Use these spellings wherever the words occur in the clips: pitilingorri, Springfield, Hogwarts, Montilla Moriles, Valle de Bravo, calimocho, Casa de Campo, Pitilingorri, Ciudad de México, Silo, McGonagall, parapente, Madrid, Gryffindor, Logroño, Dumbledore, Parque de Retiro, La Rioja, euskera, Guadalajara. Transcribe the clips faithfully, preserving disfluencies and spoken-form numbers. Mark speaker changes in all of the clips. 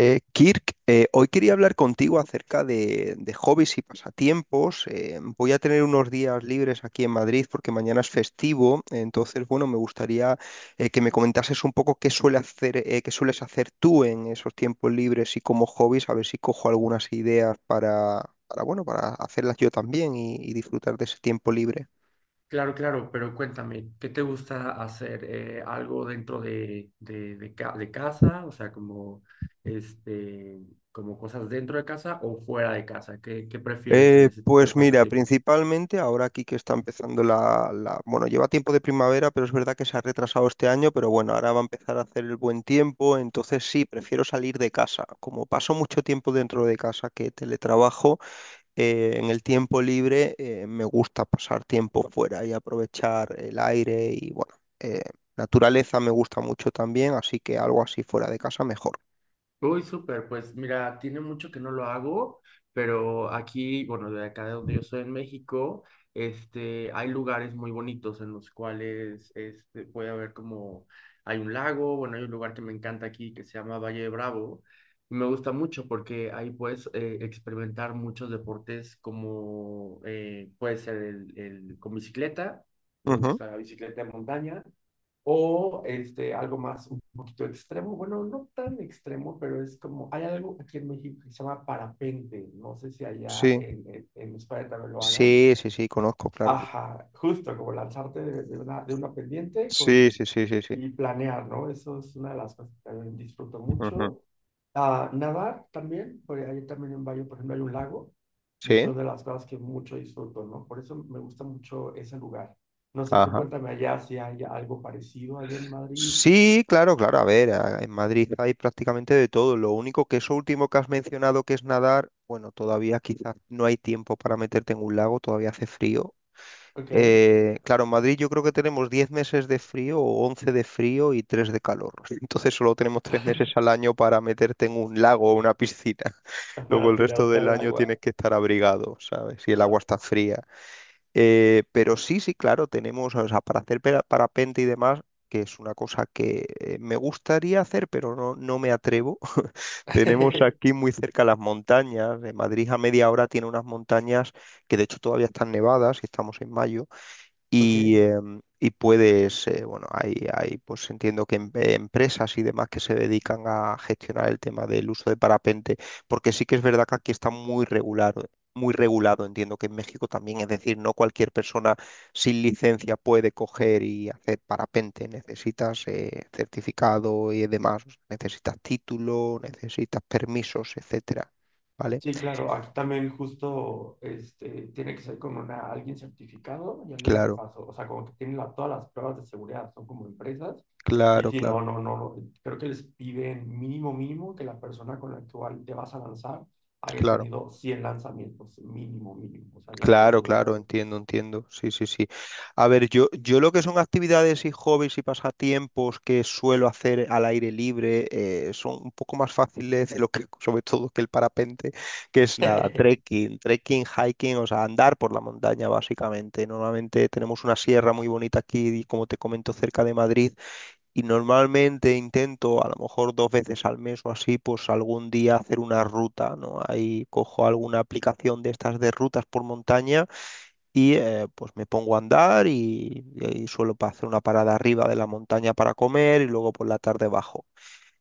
Speaker 1: Eh, Kirk, eh, hoy quería hablar contigo acerca de, de hobbies y pasatiempos. Eh, voy a tener unos días libres aquí en Madrid porque mañana es festivo. Entonces, bueno, me gustaría eh, que me comentases un poco qué suele hacer, eh, qué sueles hacer tú en esos tiempos libres y como hobbies, a ver si cojo algunas ideas para, para, bueno, para hacerlas yo también y y disfrutar de ese tiempo libre.
Speaker 2: Claro, claro, pero cuéntame, ¿qué te gusta hacer? Eh, ¿algo dentro de, de, de, ca- de casa? O sea, como, este, como cosas dentro de casa o fuera de casa. ¿Qué, qué prefieres en
Speaker 1: Eh,
Speaker 2: ese tipo de
Speaker 1: pues mira,
Speaker 2: pasatiempos?
Speaker 1: principalmente ahora aquí que está empezando la, la- bueno, lleva tiempo de primavera, pero es verdad que se ha retrasado este año, pero bueno, ahora va a empezar a hacer el buen tiempo, entonces sí, prefiero salir de casa. Como paso mucho tiempo dentro de casa que teletrabajo, eh, en el tiempo libre eh, me gusta pasar tiempo fuera y aprovechar el aire y bueno, eh, naturaleza me gusta mucho también, así que algo así fuera de casa mejor.
Speaker 2: Uy, súper, pues mira, tiene mucho que no lo hago, pero aquí, bueno, de acá de donde yo soy en México, este, hay lugares muy bonitos en los cuales este, puede haber como, hay un lago, bueno, hay un lugar que me encanta aquí que se llama Valle de Bravo. Me gusta mucho porque ahí puedes eh, experimentar muchos deportes como eh, puede ser el, el- con bicicleta, me
Speaker 1: Ujú.
Speaker 2: gusta la bicicleta de montaña o este, algo más, un poquito extremo, bueno, no tan extremo, pero es como, hay algo aquí en México que se llama parapente, no sé si allá
Speaker 1: Sí,
Speaker 2: en, en, en España también lo hagan.
Speaker 1: sí, sí, sí, conozco, claro.
Speaker 2: Ajá, justo como lanzarte de, de una, de una pendiente
Speaker 1: Sí,
Speaker 2: con,
Speaker 1: sí, sí, sí, sí.
Speaker 2: y planear, ¿no? Eso es una de las cosas que también disfruto
Speaker 1: Ujú.
Speaker 2: mucho. Ah, nadar también, porque hay también un baño, por ejemplo, hay un lago, y
Speaker 1: Sí,
Speaker 2: son de las cosas que mucho disfruto, ¿no? Por eso me gusta mucho ese lugar. No sé, tú
Speaker 1: ajá.
Speaker 2: cuéntame allá si hay algo parecido allá en Madrid.
Speaker 1: Sí, claro, claro. A ver, a- en Madrid hay prácticamente de todo. Lo único que eso último que has mencionado, que es nadar, bueno, todavía quizás no hay tiempo para meterte en un lago, todavía hace frío.
Speaker 2: ¿Ok?
Speaker 1: Eh, claro, en Madrid yo creo que tenemos diez meses de frío o once de frío y tres de calor. Entonces solo tenemos tres meses al año para meterte en un lago o una piscina. Luego
Speaker 2: Para
Speaker 1: el resto
Speaker 2: tirar
Speaker 1: del
Speaker 2: tal
Speaker 1: año
Speaker 2: agua.
Speaker 1: tienes que estar abrigado, ¿sabes? Y el agua está fría. Eh, pero sí, sí, claro, tenemos, o sea, para hacer pera- parapente y demás, que es una cosa que eh, me gustaría hacer, pero no, no me atrevo. Tenemos aquí muy cerca las montañas. De Madrid a media hora tiene unas montañas que de hecho todavía están nevadas y estamos en mayo
Speaker 2: ¿Ok?
Speaker 1: y, em, y puedes, eh, bueno, hay, hay, pues entiendo que em- eh, empresas y demás que se dedican a gestionar el tema del uso de parapente, porque sí que es verdad que aquí está muy regulado, muy regulado, entiendo que en México también, es decir, no cualquier persona sin licencia puede coger y hacer parapente, necesitas eh, certificado y demás, necesitas título, necesitas permisos, etcétera, ¿vale?
Speaker 2: Sí, claro, aquí también justo este, tiene que ser con una, alguien certificado y alguien que
Speaker 1: Claro,
Speaker 2: pasó, o sea, como que tienen la- todas las pruebas de seguridad, son como empresas, y
Speaker 1: claro,
Speaker 2: si no,
Speaker 1: claro,
Speaker 2: no, no, no, creo que les piden mínimo, mínimo que la persona con la cual te vas a lanzar haya
Speaker 1: claro.
Speaker 2: tenido cien lanzamientos, mínimo, mínimo, o sea, ya, ya
Speaker 1: Claro,
Speaker 2: tuve que
Speaker 1: claro,
Speaker 2: ver.
Speaker 1: entiendo, entiendo. Sí, sí, sí. A ver, yo, yo lo que son actividades y hobbies y pasatiempos que suelo hacer al aire libre, eh, son un poco más fáciles de lo que, sobre todo que el parapente, que es nada, trekking, trekking, hiking, o sea, andar por la montaña básicamente. Normalmente tenemos una sierra muy bonita aquí, como te comento, cerca de Madrid, y normalmente intento, a lo mejor dos veces al mes o así, pues algún día hacer una ruta, ¿no? Ahí cojo alguna aplicación de estas de rutas por montaña y eh, pues me pongo a andar y, y suelo pa- hacer una parada arriba de la montaña para comer y luego por la tarde bajo.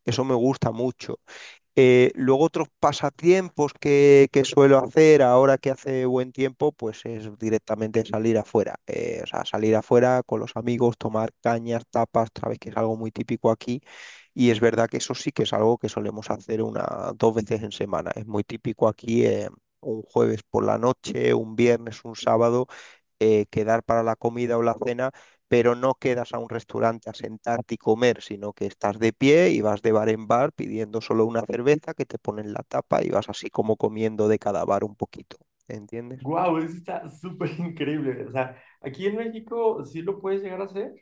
Speaker 1: Eso me gusta mucho. Eh, luego otros pasatiempos que, que suelo hacer ahora que hace buen tiempo, pues es directamente salir afuera. Eh, o sea, salir afuera con los amigos, tomar cañas, tapas, sabes que es algo muy típico aquí. Y es verdad que eso sí que es algo que solemos hacer una, dos veces en semana. Es muy típico aquí, eh, un jueves por la noche, un viernes, un sábado, eh, quedar para la comida o la cena, pero no quedas a un restaurante a sentarte y comer, sino que estás de pie y vas de bar en bar pidiendo solo una cerveza que te ponen la tapa y vas así como comiendo de cada bar un poquito. ¿Entiendes?
Speaker 2: Guau, eso está súper increíble. O sea, aquí en México sí lo puedes llegar a hacer,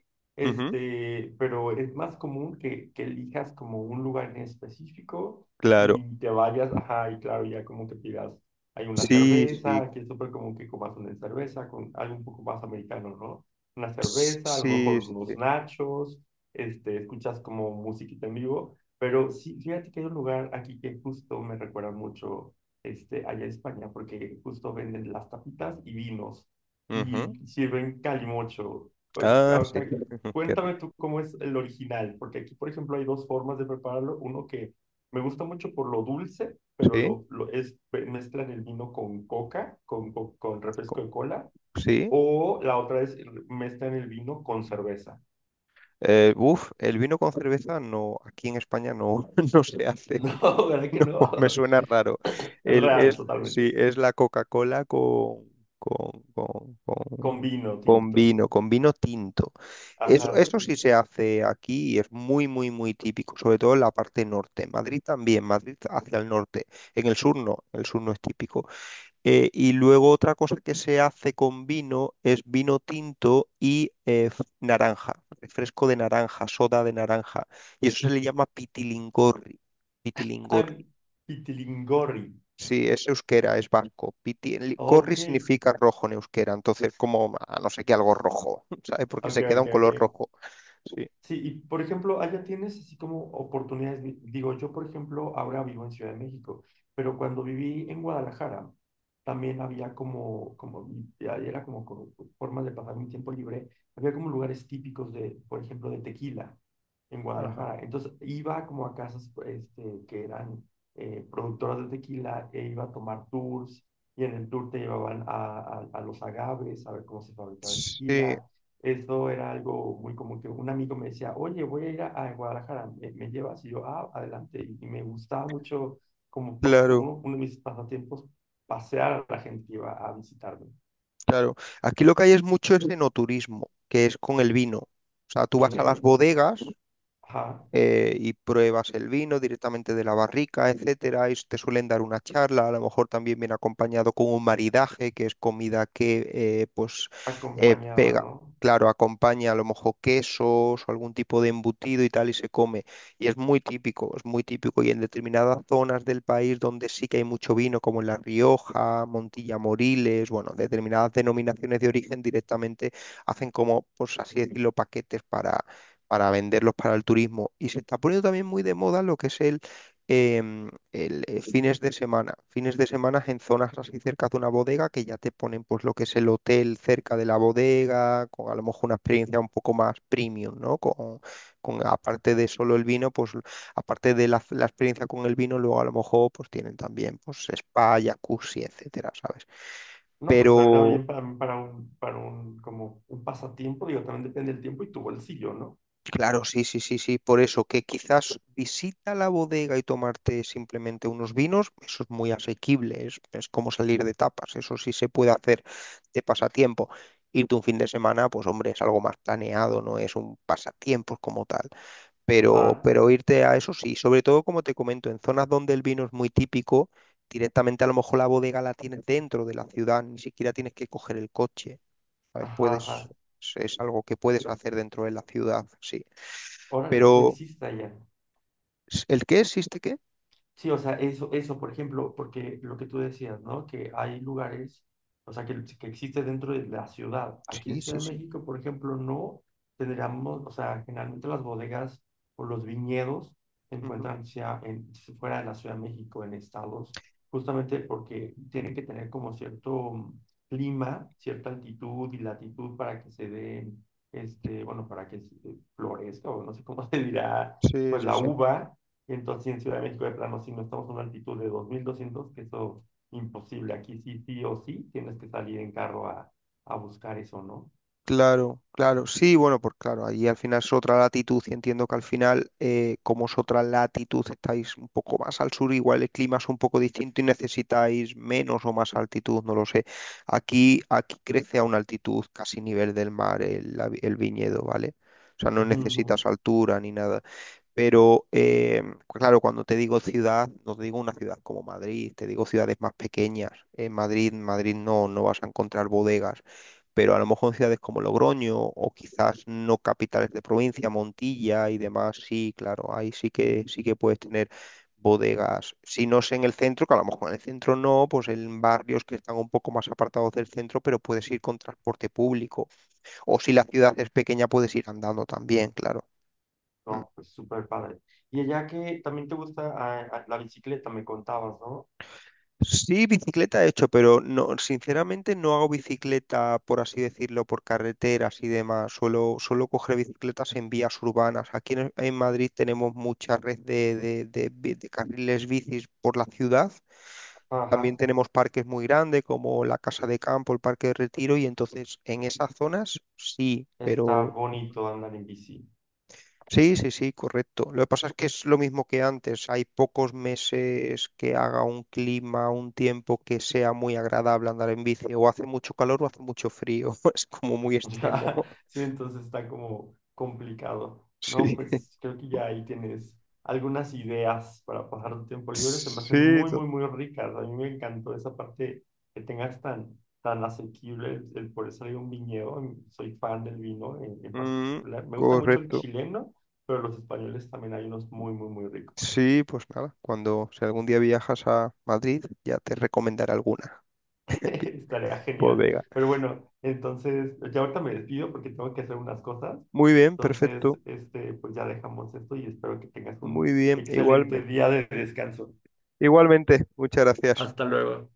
Speaker 1: Ujú.
Speaker 2: este, pero es más común que, que elijas como un lugar en específico
Speaker 1: Claro.
Speaker 2: y te vayas, ajá, y claro, ya como que pidas, hay una
Speaker 1: Sí,
Speaker 2: cerveza,
Speaker 1: sí,
Speaker 2: aquí es súper común que comas una cerveza con algo un poco más americano, ¿no? Una
Speaker 1: s-
Speaker 2: cerveza, a lo
Speaker 1: sí.
Speaker 2: mejor unos
Speaker 1: Sí.
Speaker 2: nachos, este, escuchas como musiquita en vivo, pero sí, fíjate que hay un lugar aquí que justo me recuerda mucho este, allá en España, porque justo venden las tapitas y vinos
Speaker 1: Ujú.
Speaker 2: y sirven calimocho. Oy,
Speaker 1: Ah, sí.
Speaker 2: ahorita,
Speaker 1: Ujú. Qué
Speaker 2: cuéntame
Speaker 1: rico.
Speaker 2: tú cómo es el original, porque aquí, por ejemplo, hay dos formas de prepararlo. Uno que me gusta mucho por lo dulce, pero
Speaker 1: Sí,
Speaker 2: lo, lo es, mezclan el vino con coca, con, co- con
Speaker 1: co-
Speaker 2: refresco de cola,
Speaker 1: sí.
Speaker 2: o la otra es mezclan el vino con cerveza.
Speaker 1: Eh, uf, el vino con cerveza no, aquí en España no, no se hace.
Speaker 2: No, ¿verdad que
Speaker 1: No,
Speaker 2: no?
Speaker 1: me suena raro. El,
Speaker 2: Raro,
Speaker 1: es, sí,
Speaker 2: totalmente.
Speaker 1: es la Coca-Cola con, con, con,
Speaker 2: Con
Speaker 1: con-
Speaker 2: vino
Speaker 1: con
Speaker 2: tinto.
Speaker 1: vino, con vino tinto. Eso,
Speaker 2: Ajá.
Speaker 1: eso sí se hace aquí y es muy, muy, muy típico, sobre todo en la parte norte. Madrid también, Madrid hacia el norte. En el sur no, el sur no es típico. Eh, y luego otra cosa que se hace con vino es vino tinto y eh, f- naranja, refresco de naranja, soda de naranja. Y eso se le llama pitilingorri.
Speaker 2: Ah,
Speaker 1: Pitilingorri.
Speaker 2: Pitilingorri.
Speaker 1: Sí, es euskera, es vasco. Piti- el- gorri
Speaker 2: Ok,
Speaker 1: significa rojo en euskera, entonces como a no sé qué algo rojo, ¿sabes? Porque
Speaker 2: ok,
Speaker 1: se queda
Speaker 2: ok,
Speaker 1: un color
Speaker 2: ok.
Speaker 1: rojo. Sí.
Speaker 2: Sí, y por ejemplo, allá tienes así como oportunidades. di- Digo, yo por ejemplo ahora vivo en Ciudad de México, pero cuando viví en Guadalajara también había como, como, ya era como, como formas de pasar mi tiempo libre. Había como lugares típicos de, por ejemplo, de tequila en
Speaker 1: Ajá.
Speaker 2: Guadalajara. Entonces iba como a casas este, que eran eh, productoras de tequila e iba a tomar tours y en el tour te llevaban a, a, a los agaves, a ver cómo se fabricaba el
Speaker 1: Sí,
Speaker 2: tequila. Eso era algo muy común que un amigo me decía, oye, voy a ir a, a Guadalajara, ¿me, me llevas? Y yo, ah, adelante. Y, y me gustaba mucho, como pa-
Speaker 1: claro,
Speaker 2: uno, uno de mis pasatiempos, pasear a la gente que iba a visitarme.
Speaker 1: claro. Aquí lo que hay es mucho es enoturismo, que es con el vino. O sea, tú
Speaker 2: ¿Ok?
Speaker 1: vas a las bodegas,
Speaker 2: Ajá.
Speaker 1: eh, y pruebas el vino directamente de la barrica, etcétera. Y te suelen dar una charla, a lo mejor también viene acompañado con un maridaje, que es comida que eh, pues eh,
Speaker 2: Acompañaba,
Speaker 1: pega.
Speaker 2: ¿no?
Speaker 1: Claro, acompaña a lo mejor quesos o algún tipo de embutido y tal y se come. Y es muy típico, es muy típico. Y en determinadas zonas del país donde sí que hay mucho vino, como en La Rioja, Montilla Moriles, bueno, determinadas denominaciones de origen directamente hacen como, pues así decirlo, paquetes para, para venderlos para el turismo. Y se está poniendo también muy de moda lo que es el, em, el, eh, fines de semana. Fines de semana en zonas así cerca de una bodega que ya te ponen pues lo que es el hotel cerca de la bodega, con a lo mejor una experiencia un poco más premium, ¿no? Con, con aparte de solo el vino, pues aparte de la, la experiencia con el vino, luego a lo mejor pues tienen también pues spa, jacuzzi, etcétera, ¿sabes?
Speaker 2: No, pues era
Speaker 1: Pero
Speaker 2: bien para mí, para un, para un, como un pasatiempo, digo, también depende del tiempo y tu bolsillo, ¿no?
Speaker 1: claro, sí, sí, sí, sí, por eso que quizás visita la bodega y tomarte simplemente unos vinos, eso es muy asequible, es, es como salir de tapas, eso sí se puede hacer de pasatiempo. Irte un fin de semana, pues hombre, es algo más planeado, no es un pasatiempo como tal, pero,
Speaker 2: Ajá,
Speaker 1: pero irte a eso sí, sobre todo como te comento, en zonas donde el vino es muy típico, directamente a lo mejor la bodega la tienes dentro de la ciudad, ni siquiera tienes que coger el coche, ¿sabes?
Speaker 2: ajá,
Speaker 1: Puedes,
Speaker 2: ajá.
Speaker 1: es es algo que puedes hacer dentro de la ciudad, sí.
Speaker 2: Órale, eso
Speaker 1: Pero,
Speaker 2: existe allá.
Speaker 1: ¿el qué existe qué?
Speaker 2: Sí, o sea, eso, eso, por ejemplo, porque lo que tú decías, ¿no? Que hay lugares, o sea, que, que existe dentro de la ciudad. Aquí en
Speaker 1: Sí, sí,
Speaker 2: Ciudad de
Speaker 1: sí.
Speaker 2: México, por ejemplo, no tendríamos, o sea, generalmente las bodegas o los viñedos se
Speaker 1: Ujú.
Speaker 2: encuentran sea en, fuera de la Ciudad de México, en estados, justamente porque tienen que tener como cierto mm, clima, cierta altitud y latitud para que se den, este, bueno, para que se- eh, florezca, o no sé cómo se dirá,
Speaker 1: Sí,
Speaker 2: pues
Speaker 1: sí,
Speaker 2: la
Speaker 1: sí.
Speaker 2: uva y entonces sí, en Ciudad de México de plano, si no estamos a una altitud de dos mil doscientos, que eso imposible. Aquí sí, sí o sí, tienes que salir en carro a, a buscar eso, ¿no?
Speaker 1: Claro, claro. Sí, bueno, pues claro, ahí al final es otra latitud y entiendo que al final, eh, como es otra latitud, estáis un poco más al sur, igual el clima es un poco distinto y necesitáis menos o más altitud, no lo sé. Aquí, aquí crece a una altitud casi nivel del mar el, la vi- el viñedo, ¿vale? O sea, no
Speaker 2: Ujú.
Speaker 1: necesitas altura ni nada. Pero eh, claro, cuando te digo ciudad, no te digo una ciudad como Madrid, te digo ciudades más pequeñas. En Madrid, Madrid no, no vas a encontrar bodegas, pero a lo mejor en ciudades como Logroño o quizás no capitales de provincia, Montilla y demás, sí, claro, ahí sí que sí que puedes tener bodegas. Si no es en el centro, que a lo mejor en el centro no, pues en barrios que están un poco más apartados del centro, pero puedes ir con transporte público. O si la ciudad es pequeña, puedes ir andando también, claro.
Speaker 2: No, pues súper padre. Y allá que también te gusta ah, ah, la bicicleta, me contabas, ¿no?
Speaker 1: Sí, bicicleta he hecho, pero no, sinceramente no hago bicicleta, por así decirlo, por carreteras y demás. Suelo, suelo coger bicicletas en vías urbanas. Aquí en, en Madrid tenemos mucha red de, de, de bi- de carriles bicis por la ciudad. También
Speaker 2: Ajá,
Speaker 1: tenemos parques muy grandes como la Casa de Campo, el Parque de Retiro, y entonces en esas zonas sí.
Speaker 2: está
Speaker 1: pero
Speaker 2: bonito andar en bici.
Speaker 1: Sí, sí, sí, correcto. Lo que pasa es que es lo mismo que antes. Hay pocos meses que haga un clima, un tiempo que sea muy agradable andar en bici. O hace mucho calor o hace mucho frío. Es como muy
Speaker 2: Ya,
Speaker 1: extremo.
Speaker 2: sí, entonces está como complicado, ¿no?
Speaker 1: Sí.
Speaker 2: Pues creo que ya ahí tienes algunas ideas para pasar tu tiempo libre. Se me hacen
Speaker 1: Sí,
Speaker 2: muy,
Speaker 1: to-
Speaker 2: muy, muy ricas. A mí me encantó esa parte que tengas tan, tan asequible el, el poder salir a un viñedo. Soy fan del vino en, en
Speaker 1: Mm,
Speaker 2: particular. Me gusta mucho el
Speaker 1: correcto.
Speaker 2: chileno, pero los españoles también hay unos muy, muy, muy ricos.
Speaker 1: Sí, pues nada. Cuando, si algún día viajas a Madrid, ya te recomendaré alguna
Speaker 2: Estaría genial.
Speaker 1: bodega.
Speaker 2: Pero bueno, entonces, ya ahorita me despido porque tengo que hacer unas cosas.
Speaker 1: Muy bien,
Speaker 2: Entonces,
Speaker 1: perfecto.
Speaker 2: este, pues ya dejamos esto y espero que tengas un
Speaker 1: Muy bien,
Speaker 2: excelente
Speaker 1: igualme-
Speaker 2: día de descanso.
Speaker 1: igualmente. Muchas gracias.
Speaker 2: Hasta luego.